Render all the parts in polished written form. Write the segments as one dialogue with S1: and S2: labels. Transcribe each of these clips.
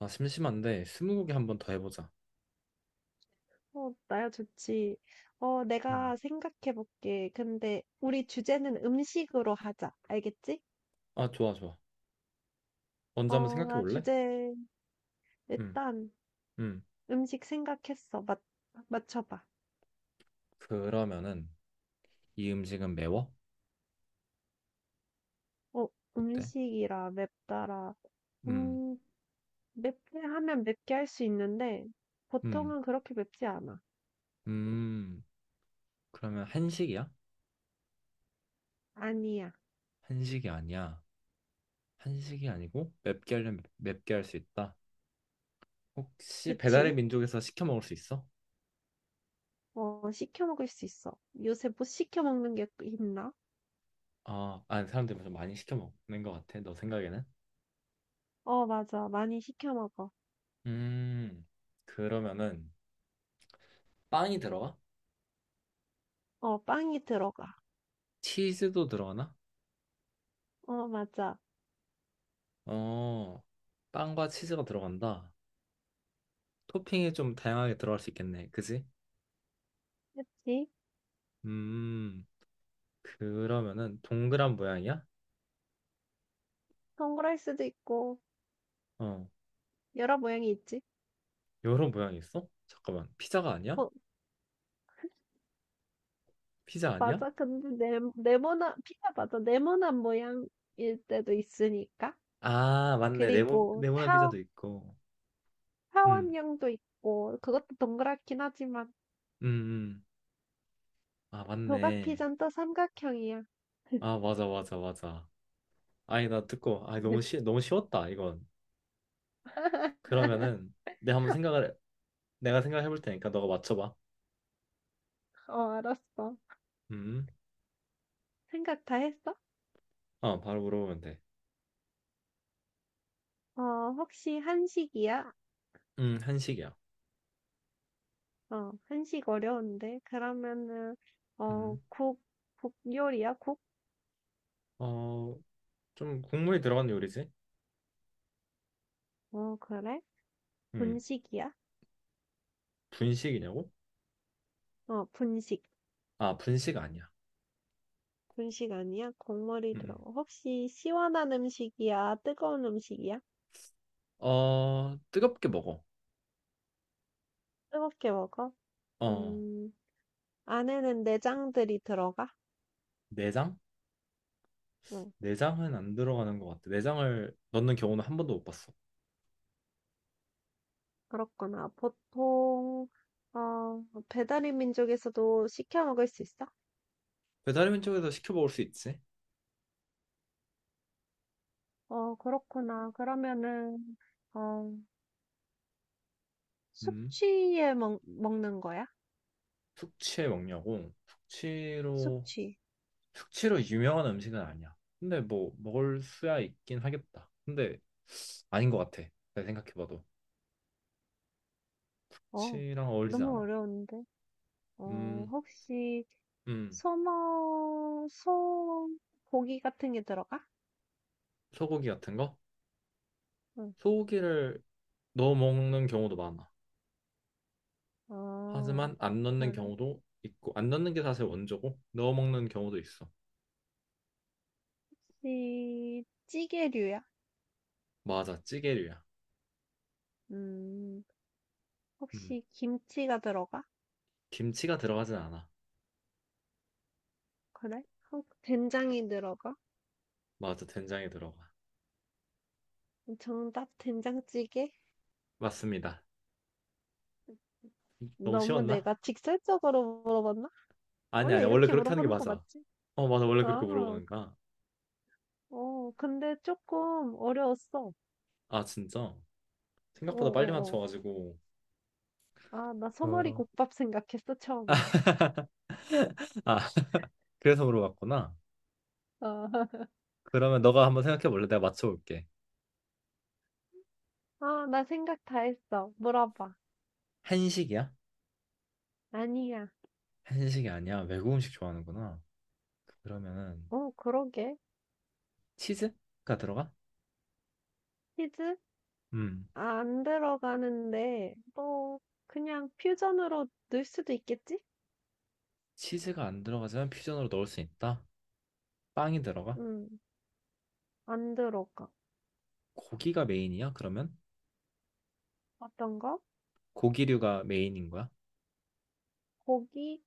S1: 아, 심심한데 스무고개 한 번 더 해보자.
S2: 어, 나야 좋지. 어,
S1: 음.
S2: 내가 생각해 볼게. 근데 우리 주제는 음식으로 하자. 알겠지?
S1: 아, 좋아. 먼저 한번
S2: 어,
S1: 생각해
S2: 나
S1: 볼래?
S2: 주제
S1: 음,
S2: 일단
S1: 음.
S2: 음식 생각했어. 맞 맞춰봐.
S1: 그러면은 이 음식은 매워?
S2: 어,
S1: 어때?
S2: 음식이라 맵다라.
S1: 음,
S2: 음, 맵게 하면 맵게 할 수 있는데
S1: 음,
S2: 보통은 그렇게 맵지 않아.
S1: 음. 그러면 한식이야?
S2: 아니야.
S1: 한식이 아니야. 한식이 아니고 맵게 하려면 맵게 할 수 있다. 혹시 배달의
S2: 그치?
S1: 민족에서 시켜 먹을 수 있어?
S2: 어, 시켜 먹을 수 있어. 요새 못 시켜 먹는 게 있나?
S1: 사람들이 좀 많이 시켜 먹는 것 같아. 너 생각에는?
S2: 어, 맞아. 많이 시켜 먹어.
S1: 음, 그러면은 빵이 들어가?
S2: 어, 빵이 들어가.
S1: 치즈도 들어가나?
S2: 어, 맞아.
S1: 어, 빵과 치즈가 들어간다. 토핑이 좀 다양하게 들어갈 수 있겠네. 그지?
S2: 그치?
S1: 음, 그러면은 동그란 모양이야?
S2: 동그라스도 있고
S1: 어,
S2: 여러 모양이 있지.
S1: 여러 모양이 있어? 잠깐만, 피자가 아니야?
S2: 어,
S1: 피자 아니야?
S2: 맞아. 근데 네, 네모난 피자 맞아. 네모난 모양일 때도 있으니까.
S1: 아, 맞네. 네모,
S2: 그리고
S1: 네모난
S2: 타
S1: 피자도 있고. 음,
S2: 타원형도 있고 그것도 동그랗긴 하지만
S1: 음. 아,
S2: 조각
S1: 맞네.
S2: 피자는 또 삼각형이야.
S1: 아, 맞아. 아니, 나 듣고, 아, 너무 쉬웠다, 이건. 그러면은, 내가 한번 생각을, 내가 생각해 볼 테니까 너가 맞춰봐.
S2: 어, 알았어.
S1: 음,
S2: 생각 다 했어?
S1: 어, 바로 물어보면 돼.
S2: 어, 혹시 한식이야?
S1: 한식이야.
S2: 어, 한식 어려운데. 그러면은 어,
S1: 음.
S2: 국, 국 요리야? 국?
S1: 어, 좀 국물이 들어간 요리지?
S2: 어, 그래?
S1: 음,
S2: 분식이야?
S1: 분식이냐고?
S2: 어, 분식.
S1: 아, 분식 아니야.
S2: 분식 아니야? 국물이
S1: 음.
S2: 들어가. 혹시 시원한 음식이야? 뜨거운 음식이야?
S1: 어, 뜨겁게 먹어.
S2: 뜨겁게 먹어?
S1: 어,
S2: 음, 안에는 내장들이 들어가?
S1: 내장?
S2: 응,
S1: 내장은 안 들어가는 것 같아. 내장을 넣는 경우는 한 번도 못 봤어.
S2: 그렇구나. 어, 배달의 민족에서도 시켜 먹을 수 있어?
S1: 배달의 민족에서 시켜 먹을 수 있지?
S2: 어, 그렇구나. 어,
S1: 음,
S2: 숙취에 먹는 거야?
S1: 숙취에 먹냐고? 숙취로,
S2: 숙취.
S1: 숙취로 유명한 음식은 아니야. 근데 뭐, 먹을 수야 있긴 하겠다. 근데 아닌 것 같아. 내가 생각해봐도.
S2: 어,
S1: 숙취랑 어울리지
S2: 너무
S1: 않아.
S2: 어려운데.
S1: 음,
S2: 혹시
S1: 음,
S2: 소머 소 고기 같은 게 들어가?
S1: 소고기 같은 거?
S2: 응.
S1: 소고기를 넣어 먹는 경우도 많아.
S2: 어,
S1: 하지만 안 넣는
S2: 그래.
S1: 경우도 있고 안 넣는 게 사실 원조고 넣어 먹는 경우도 있어.
S2: 혹시 찌개류야?
S1: 맞아, 찌개류야.
S2: 음,
S1: 음,
S2: 혹시 김치가 들어가?
S1: 김치가 들어가진 않아.
S2: 그래? 어, 된장이 들어가?
S1: 맞아, 된장이 들어가.
S2: 정답 된장찌개?
S1: 맞습니다. 너무
S2: 너무
S1: 쉬웠나?
S2: 내가 직설적으로 물어봤나?
S1: 아니
S2: 원래
S1: 아니야. 원래
S2: 이렇게
S1: 그렇게 하는 게
S2: 물어보는 거
S1: 맞아.
S2: 맞지?
S1: 어 맞아, 원래 그렇게
S2: 아,
S1: 물어보는 거야.
S2: 어, 근데 조금 어려웠어.
S1: 아 진짜? 생각보다 빨리
S2: 어.
S1: 맞춰가지고.
S2: 아, 나 소머리
S1: 그러.
S2: 국밥 생각했어, 처음에.
S1: 아 그래서 물어봤구나.
S2: 아,
S1: 그러면 너가 한번 생각해 볼래? 내가 맞춰볼게.
S2: 나 생각 다 했어. 물어봐.
S1: 한식이야?
S2: 아니야.
S1: 한식이 아니야. 외국 음식 좋아하는구나. 그러면은
S2: 어, 그러게.
S1: 치즈가 들어가?
S2: 히즈
S1: 음.
S2: 아, 안 들어가는데, 또, 그냥 퓨전으로 넣을 수도 있겠지?
S1: 치즈가 안 들어가지만 퓨전으로 넣을 수 있다. 빵이 들어가?
S2: 음, 안 들어가.
S1: 고기가 메인이야? 그러면
S2: 어떤 거?
S1: 고기류가 메인인 거야?
S2: 고기?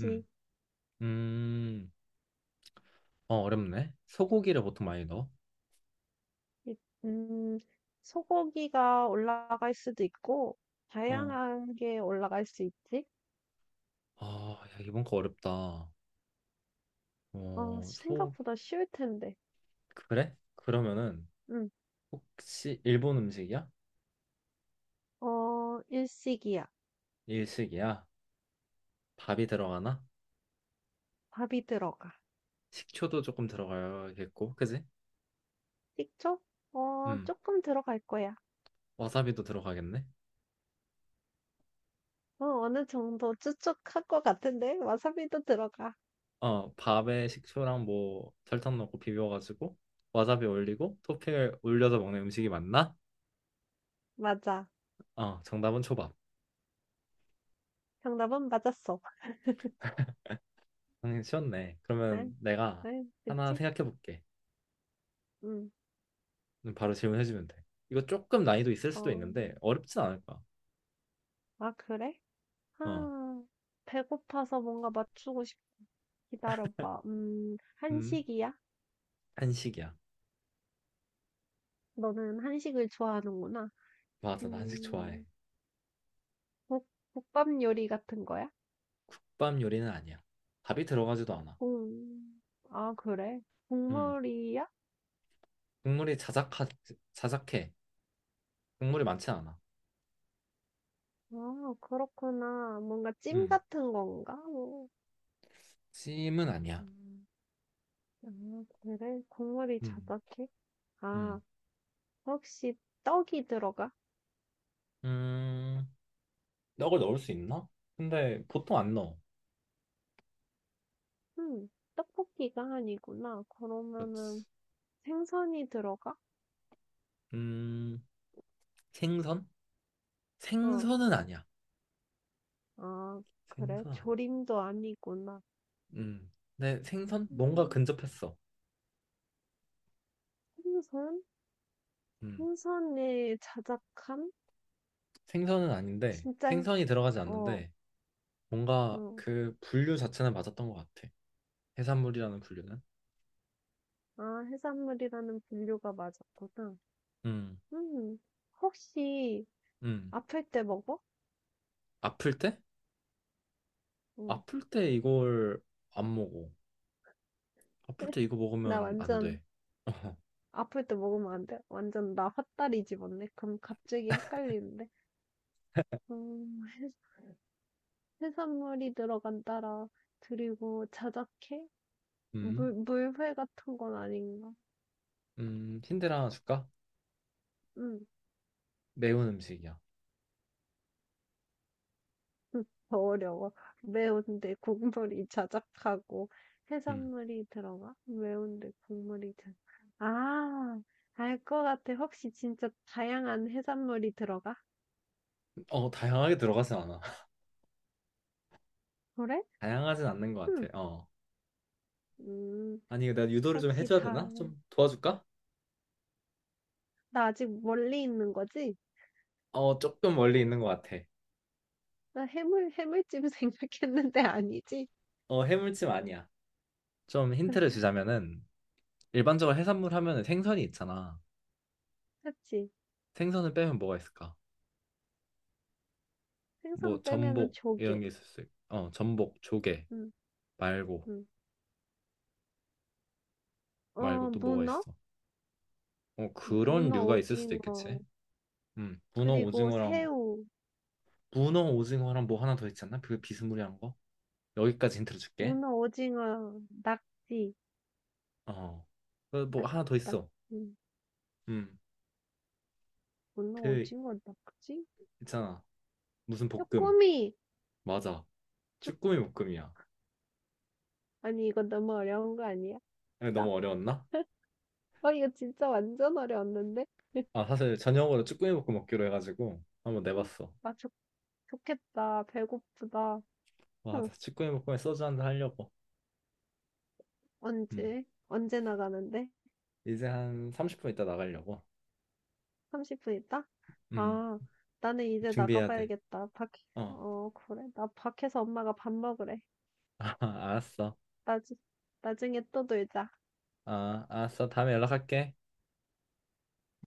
S1: 음, 음, 어 어렵네. 소고기를 보통 많이 넣어.
S2: 이- 음, 소고기가 올라갈 수도 있고,
S1: 어,
S2: 다양한 게 올라갈 수 있지?
S1: 아, 야, 이번 거 어렵다.
S2: 어,
S1: 어, 소
S2: 생각보다 쉬울 텐데.
S1: 그래? 그러면은
S2: 음,
S1: 혹시 일본 음식이야?
S2: 어, 일식이야.
S1: 일식이야? 밥이 들어가나?
S2: 밥이 들어가.
S1: 식초도 조금 들어가겠고, 그지?
S2: 식초? 어,
S1: 음,
S2: 조금 들어갈 거야.
S1: 와사비도 들어가겠네.
S2: 어, 어느 정도 추측할 것 같은데? 와사비도 들어가.
S1: 어, 밥에 식초랑 뭐 설탕 넣고 비벼가지고 와사비 올리고 토핑을 올려서 먹는 음식이 맞나?
S2: 맞아.
S1: 어, 정답은 초밥.
S2: 정답은 맞았어.
S1: 당연히 쉬웠네. 그러면
S2: 응,
S1: 내가
S2: 응,
S1: 하나
S2: 그치?
S1: 생각해 볼게.
S2: 응,
S1: 바로 질문해 주면 돼. 이거 조금 난이도 있을 수도
S2: 어,
S1: 있는데 어렵진 않을 거야.
S2: 아, 그래?
S1: 어,
S2: 아, 배고파서 뭔가 맞추고 싶어. 기다려봐.
S1: 음,
S2: 한식이야?
S1: 한식이야.
S2: 너는 한식을 좋아하는구나.
S1: 맞아, 나 한식 좋아해.
S2: 음, 국, 국밥 요리 같은 거야?
S1: 국밥 요리는 아니야. 밥이 들어가지도 않아.
S2: 음, 아, 그래?
S1: 음,
S2: 국물이야?
S1: 국물이 자작하, 자작해. 국물이 많지 않아.
S2: 아, 그렇구나. 뭔가 찜
S1: 음,
S2: 같은 건가? 뭐.
S1: 찜은 아니야.
S2: 아 그래? 국물이
S1: 음,
S2: 자작해? 아,
S1: 음,
S2: 혹시 떡이 들어가?
S1: 음. 떡을 넣을 수 있나? 근데 보통 안 넣어.
S2: 음, 떡볶이가 아니구나. 그러면은
S1: 그렇지.
S2: 생선이 들어가?
S1: 음, 생선?
S2: 어,
S1: 생선은 아니야.
S2: 아, 그래?
S1: 생선 아니야.
S2: 조림도 아니구나.
S1: 음, 근데 생선? 뭔가
S2: 음,
S1: 근접했어.
S2: 생선?
S1: 음,
S2: 생선의 자작함?
S1: 생선은 아닌데
S2: 진짜, 해-
S1: 생선이 들어가지
S2: 어,
S1: 않는데 뭔가
S2: 어.
S1: 그 분류 자체는 맞았던 것 같아. 해산물이라는 분류는.
S2: 아, 해산물이라는 분류가 맞았구나.
S1: 음,
S2: 음, 혹시
S1: 음.
S2: 아플 때 먹어?
S1: 아플 때?
S2: 응.
S1: 아플 때 이걸 안 먹어. 아플 때 이거
S2: 나
S1: 먹으면 안
S2: 완전
S1: 돼.
S2: 아플 때 먹으면 안 돼. 완전 나 헛다리 집었네. 그럼 갑자기 헷갈리는데. 음, 해- 해산물이 들어간다라. 그리고 자작해?
S1: 음,
S2: 물회 같은 건 아닌가?
S1: 음. 힌트 하나 줄까?
S2: 응,
S1: 매운 음식이야.
S2: 응, 더 어려워. 매운데 국물이 자작하고
S1: 음.
S2: 해산물이 들어가? 매운데 국물이 자작. 아, 알 것 같아. 혹시 진짜 다양한 해산물이 들어가?
S1: 어, 다양하게 들어가진 않아.
S2: 그래?
S1: 다양하진 않는 것
S2: 응.
S1: 같아. 어.
S2: 음,
S1: 아니, 내가 유도를 좀
S2: 혹시
S1: 해줘야
S2: 다,
S1: 되나? 좀 도와줄까?
S2: 나 아직 멀리 있는 거지?
S1: 어, 조금 멀리 있는 것 같아.
S2: 나 해물, 해물찜 생각했는데 아니지?
S1: 어, 해물찜 아니야. 좀 힌트를 주자면은, 일반적으로 해산물 하면은 생선이 있잖아.
S2: 그치?
S1: 생선을 빼면 뭐가 있을까? 뭐,
S2: 생선 빼면은
S1: 전복, 이런
S2: 조개.
S1: 게 있을 수 있고. 어, 전복, 조개,
S2: 응,
S1: 말고,
S2: 응. 어,
S1: 말고 또 뭐가
S2: 문어?
S1: 있어? 어, 그런
S2: 문어,
S1: 류가 있을 수도
S2: 오징어.
S1: 있겠지? 문어
S2: 그리고
S1: 오징어랑,
S2: 새우.
S1: 문어 오징어랑 뭐 하나 더 있지 않나? 그 비스무리한 거? 여기까지 힌트를 줄게.
S2: 문어, 오징어, 낙지.
S1: 어, 그뭐
S2: 낙,
S1: 하나 더
S2: 낙,
S1: 있어.
S2: 음,
S1: 음,
S2: 문어,
S1: 그
S2: 오징어, 낙지?
S1: 있잖아. 무슨 볶음.
S2: 쪼꼬미!
S1: 맞아.
S2: 쪼,
S1: 쭈꾸미 볶음이야.
S2: 아니, 이거 너무 어려운 거 아니야?
S1: 근데
S2: 자,
S1: 너무 어려웠나?
S2: 어, 이거 진짜 완전 어려웠는데?
S1: 아, 사실 저녁으로 쭈꾸미 볶음 먹기로 해가지고 한번
S2: 쪼꼬미.
S1: 내봤어.
S2: 아, 좋, 좋겠다. 배고프다. 응,
S1: 맞아. 쭈꾸미 볶음에 소주 한잔 하려고. 음.
S2: 언제, 언제 나가는데?
S1: 이제 한 30분 있다 나가려고.
S2: 30분 있다?
S1: 음.
S2: 아, 나는 이제
S1: 준비해야 돼.
S2: 나가봐야겠다.
S1: 어.
S2: 어, 그래. 나 밖에서 엄마가 밥 먹으래.
S1: 아, 알았어.
S2: 나 나중에 또 놀자.
S1: 아, 알았어. 다음에 연락할게.